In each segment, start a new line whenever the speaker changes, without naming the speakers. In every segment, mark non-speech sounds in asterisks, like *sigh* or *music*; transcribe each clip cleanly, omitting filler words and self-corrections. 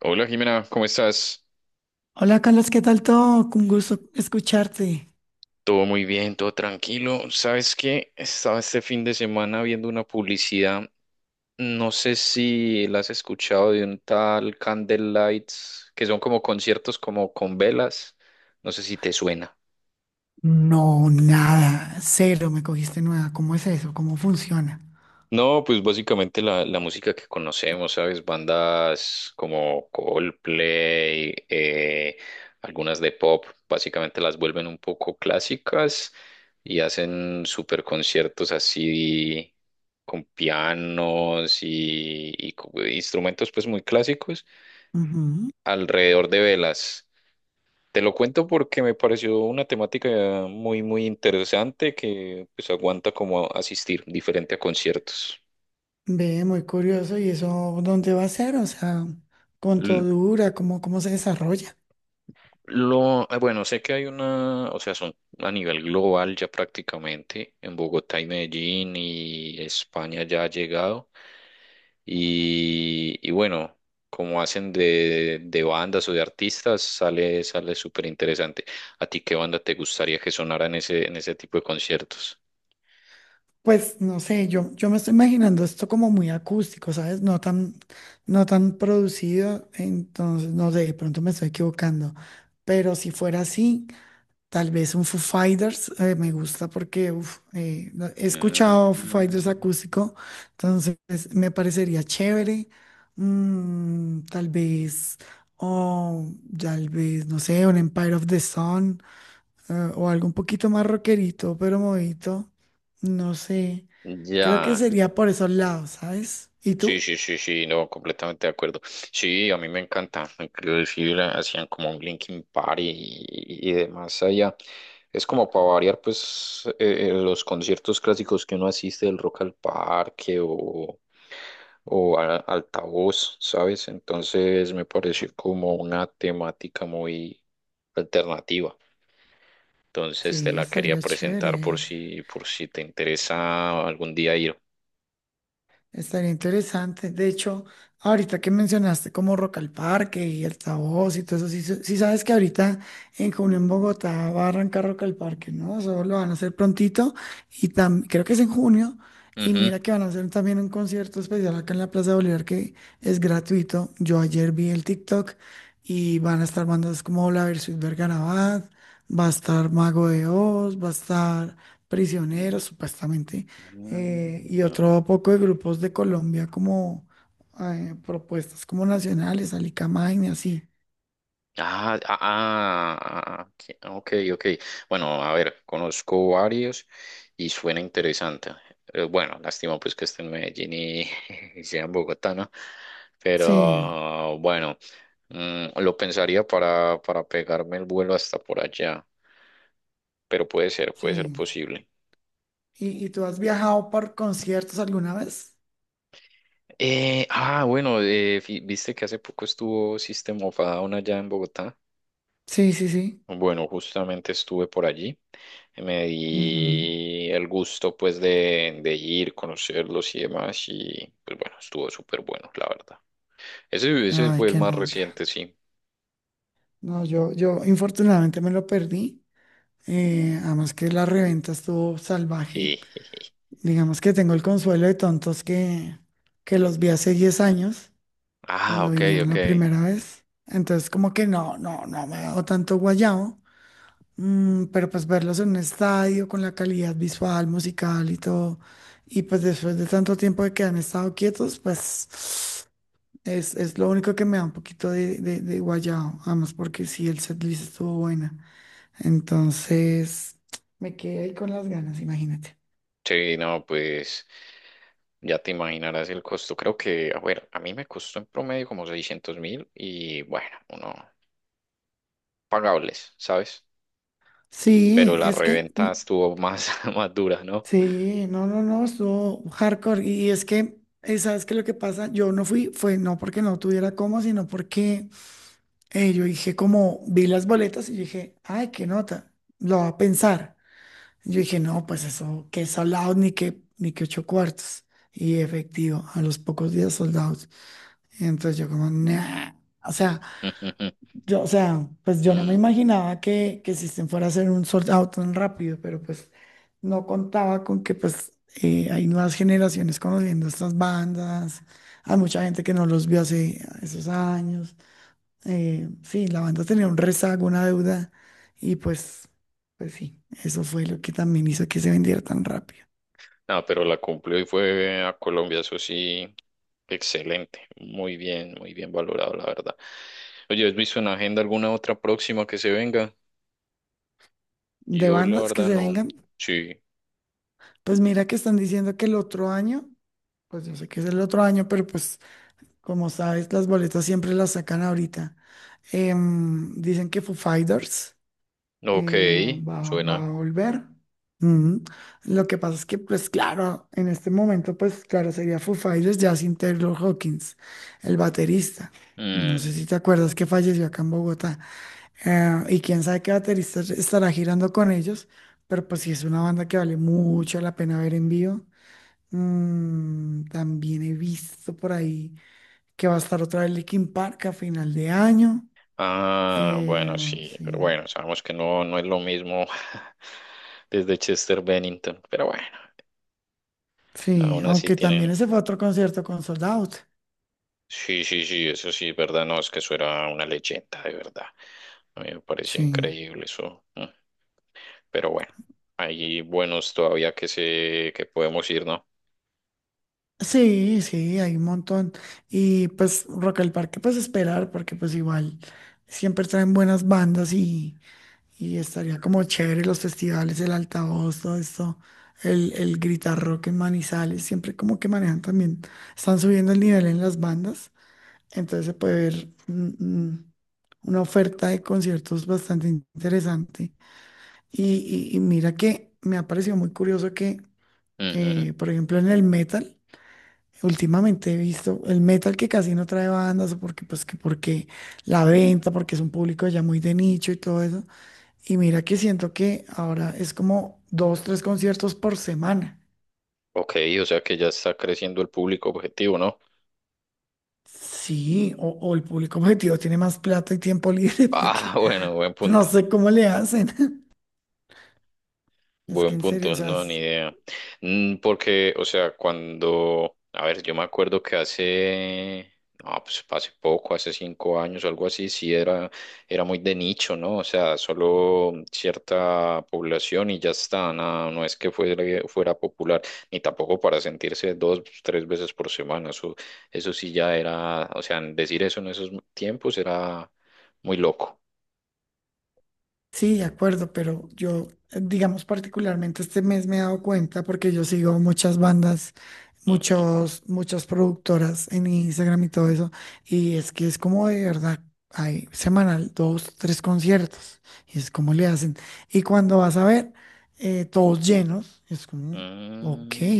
Hola Jimena, ¿cómo estás?
Hola Carlos, ¿qué tal todo? Un gusto escucharte.
Todo muy bien, todo tranquilo. ¿Sabes qué? Estaba este fin de semana viendo una publicidad, no sé si la has escuchado, de un tal Candlelights, que son como conciertos como con velas, no sé si te suena.
No, nada, cero, me cogiste nueva. ¿Cómo es eso? ¿Cómo funciona?
No, pues básicamente la música que conocemos, ¿sabes? Bandas como Coldplay, algunas de pop, básicamente las vuelven un poco clásicas y hacen super conciertos así con pianos y instrumentos pues muy clásicos
Ujú.
alrededor de velas. Te lo cuento porque me pareció una temática muy interesante que pues aguanta como asistir diferente a conciertos.
Ve, muy curioso. ¿Y eso dónde va a ser? O sea, ¿cuánto dura? ¿¿Cómo se desarrolla?
Bueno, sé que hay una, o sea, son a nivel global ya prácticamente, en Bogotá y Medellín y España ya ha llegado. Y bueno, como hacen de bandas o de artistas, sale súper interesante. ¿A ti qué banda te gustaría que sonara en ese tipo de conciertos?
Pues no sé, yo me estoy imaginando esto como muy acústico, ¿sabes? No tan producido, entonces no sé, de pronto me estoy equivocando. Pero si fuera así, tal vez un Foo Fighters me gusta porque uf, he escuchado Foo Fighters
Mm,
acústico, entonces me parecería chévere. Tal vez, o tal vez, no sé, un Empire of the Sun ah, o algo un poquito más rockerito, pero movidito, no sé. Creo que
ya.
sería por esos lados, ¿sabes? ¿Y
Sí,
tú?
sí, sí, sí, no, completamente de acuerdo. Sí, a mí me encanta. Inclusive hacían como un Linkin Park y demás allá. Es como para variar, pues, los conciertos clásicos que uno asiste del Rock al Parque o Altavoz, ¿sabes? Entonces me pareció como una temática muy alternativa. Entonces te
Sí,
la quería
estaría
presentar
chévere.
por si te interesa algún día ir.
Estaría interesante. De hecho, ahorita que mencionaste como Rock al Parque y el Tabós y todo eso, sí, sí sabes que ahorita en junio en Bogotá va a arrancar Rock al Parque, ¿no? Eso lo van a hacer prontito y creo que es en junio. Y
Ujú.
mira que van a hacer también un concierto especial acá en la Plaza Bolívar que es gratuito. Yo ayer vi el TikTok y van a estar bandas como La Versus Bergarabat, va a estar Mago de Oz, va a estar Prisioneros, supuestamente y
Ah.
otro poco de grupos de Colombia como propuestas como nacionales, Alicamain y así.
Ah, ah, ah, ah, ah, ok, ok. Bueno, a ver, conozco varios y suena interesante. Bueno, lástima pues que esté en Medellín y, *laughs* y sea en Bogotá, ¿no?
Sí,
Pero bueno, lo pensaría para pegarme el vuelo hasta por allá, pero puede ser
sí.
posible.
¿Y tú has viajado por conciertos alguna vez?
Bueno, viste que hace poco estuvo System of a Down allá en Bogotá.
Sí, sí, sí.
Bueno, justamente estuve por allí. Me
Ujú.
di el gusto pues de ir, conocerlos y demás. Y pues bueno, estuvo súper bueno, la verdad. Ese
Ay,
fue el
qué
más
nota.
reciente, sí.
No, yo infortunadamente me lo perdí. Además que la reventa estuvo salvaje.
*laughs*
Digamos que tengo el consuelo de tontos que los vi hace 10 años
Ah,
cuando
ok,
vinieron
ok.
la primera vez. Entonces, como que no me hago tanto guayao. Pero pues verlos en un estadio con la calidad visual, musical y todo. Y pues después de tanto tiempo de que han estado quietos, pues es lo único que me da un poquito de guayao. Además, porque sí, el setlist estuvo buena. Entonces, me quedé ahí con las ganas, imagínate.
Sí, no, pues ya te imaginarás el costo. Creo que, a ver, a mí me costó en promedio como 600.000 y bueno, uno, pagables, ¿sabes? Pero
Sí,
la
es que mm,
reventa estuvo más, *laughs* más dura, ¿no?
sí, no, no, no, estuvo hardcore. Y es que, ¿sabes qué? Lo que pasa, yo no fui, fue no porque no tuviera cómo, sino porque yo dije, como vi las boletas y yo dije, ay, qué nota, lo va a pensar. Yo dije, no, pues eso, que soldados ni que, ni que ocho cuartos. Y efectivo, a los pocos días soldados. Entonces yo, como, nah. O sea,
*laughs*
yo, o sea, pues yo no me imaginaba que System fuera a hacer un sold out tan rápido, pero pues no contaba con que pues hay nuevas generaciones conociendo estas bandas, hay mucha gente que no los vio hace esos años. Sí, la banda tenía un rezago, una deuda, y pues sí, eso fue lo que también hizo que se vendiera tan rápido.
No, pero la cumplió y fue a Colombia, eso sí, excelente, muy bien valorado, la verdad. Oye, ¿has visto en la agenda alguna otra próxima que se venga?
De
Yo la
bandas que
verdad
se
no,
vengan,
sí,
pues mira que están diciendo que el otro año, pues yo sé que es el otro año, pero pues como sabes, las boletas siempre las sacan ahorita. Dicen que Foo Fighters
ok,
eh, va,
suena.
va a volver. Mm. Lo que pasa es que, pues claro, en este momento, pues claro, sería Foo Fighters ya sin Taylor Hawkins, el baterista. No
Mm,
sé si te acuerdas que falleció acá en Bogotá. Y quién sabe qué baterista estará girando con ellos, pero pues sí es una banda que vale mucho la pena ver en vivo. También he visto por ahí que va a estar otra vez Linkin Park a final de año.
ah,
Eh,
bueno, sí, pero
sí,
bueno, sabemos que no, no es lo mismo *laughs* desde Chester Bennington, pero bueno,
sí,
aún así
aunque
tienen,
también ese fue otro concierto con Sold Out.
sí, sí, sí, eso sí, verdad, no, es que eso era una leyenda, de verdad. A mí me parecía
Sí,
increíble eso. Mm. Pero bueno, hay buenos todavía que podemos ir, ¿no?
sí, sí, hay un montón. Y pues Rock al Parque, pues esperar, porque pues igual siempre traen buenas bandas y estaría como chévere los festivales, el altavoz, todo esto. El gritar rock en Manizales, siempre como que manejan también, están subiendo el nivel en las bandas. Entonces se puede ver una oferta de conciertos bastante interesante. Y, y mira que me ha parecido muy curioso que,
Ujú.
por ejemplo, en el metal, últimamente he visto el metal que casi no trae bandas, o porque, pues, que porque la venta, porque es un público ya muy de nicho y todo eso. Y mira que siento que ahora es como dos, tres conciertos por semana.
Ok, o sea que ya está creciendo el público objetivo, ¿no?
Sí, o el público objetivo tiene más plata y tiempo libre *laughs*
Ah,
porque
*laughs* bueno, buen
no
punto.
sé cómo le hacen. Es que
Buen
en serio, o
punto,
sea,
no, ni idea. Mm. Porque, o sea, cuando, a ver, yo me acuerdo que no, pues hace poco, hace 5 años o algo así, era muy de nicho, ¿no? O sea, solo cierta población y ya está, nada, no es que fuera popular, ni tampoco para sentirse dos, tres veces por semana, eso sí ya era, o sea, decir eso en esos tiempos era muy loco.
sí, de acuerdo, pero yo, digamos, particularmente este mes me he dado cuenta porque yo sigo muchas bandas,
Ujú.
muchas productoras en Instagram y todo eso, y es que es como de verdad, hay semanal dos, tres conciertos, y es como le hacen. Y cuando vas a ver, todos llenos, es como, ok.
Mm.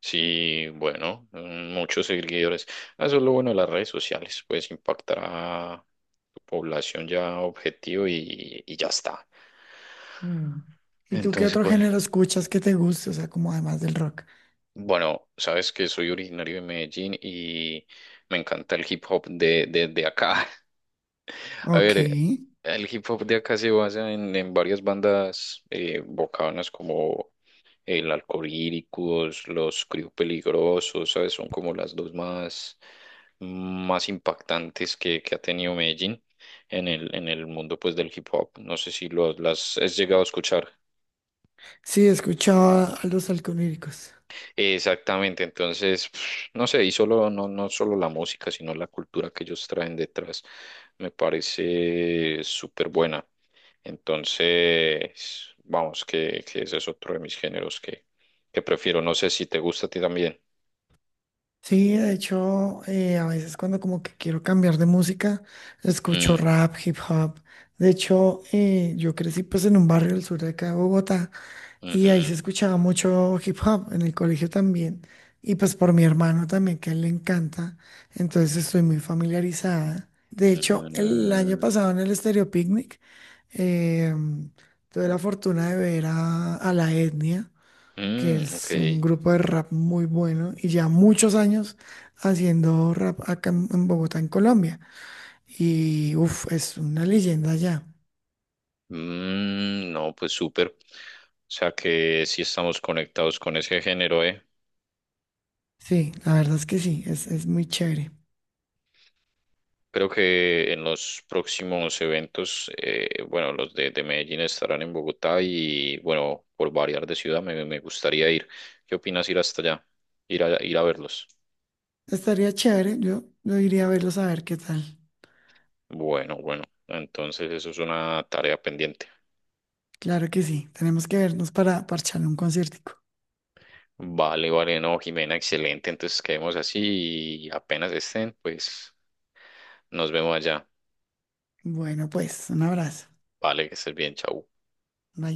Sí, bueno, mm, muchos seguidores. Ah, eso es lo bueno de las redes sociales, pues impactar a tu población ya objetivo y ya está.
Mm. ¿Y tú qué
Entonces,
otro
pues,
género escuchas que te guste? O sea, como además del rock.
bueno, sabes que soy originario de Medellín y me encanta el hip hop de acá. *laughs* A
Ok.
ver, el hip hop de acá se basa en varias bandas bocanas como el Alcohólicos, los Crío Peligrosos, ¿sabes? Son como las dos más impactantes que ha tenido Medellín en el mundo pues del hip hop. No sé si lo, las has llegado a escuchar.
Sí, escuchaba a los alcohólicos.
Exactamente, entonces, *sniffs* no sé, y solo, no, no solo la música, sino la cultura que ellos traen detrás me parece súper buena. Entonces, vamos, que ese es otro de mis géneros que prefiero. No sé si te gusta a ti también.
Sí, de hecho, a veces cuando como que quiero cambiar de música, escucho
Mm.
rap, hip hop. De hecho, yo crecí pues en un barrio del sur de acá de Bogotá y ahí se
Ujú.
escuchaba mucho hip hop, en el colegio también. Y pues por mi hermano también, que a él le encanta. Entonces estoy muy familiarizada. De hecho, el año
Mm,
pasado en el Stereo Picnic, em, tuve la fortuna de ver a, La Etnia que
mm, ok.
es un grupo de rap muy bueno y ya muchos años haciendo rap acá en Bogotá, en Colombia. Y uff, es una leyenda ya.
Mm, no, pues súper. O sea que sí estamos conectados con ese género, ¿eh?
Sí, la verdad es que sí, es muy chévere.
Creo que en los próximos eventos, bueno, los de Medellín estarán en Bogotá y, bueno, por variar de ciudad me gustaría ir. ¿Qué opinas ir hasta allá? Ir a verlos.
Estaría chévere, yo iría a verlos a ver qué tal.
Bueno, bueno, entonces eso es una tarea pendiente.
Claro que sí, tenemos que vernos para parchar un conciertico.
Vale, vale, no, Jimena, excelente. Entonces quedemos así y apenas estén, pues nos vemos allá.
Bueno, pues, un abrazo.
Vale, que estés bien, chau.
Bye.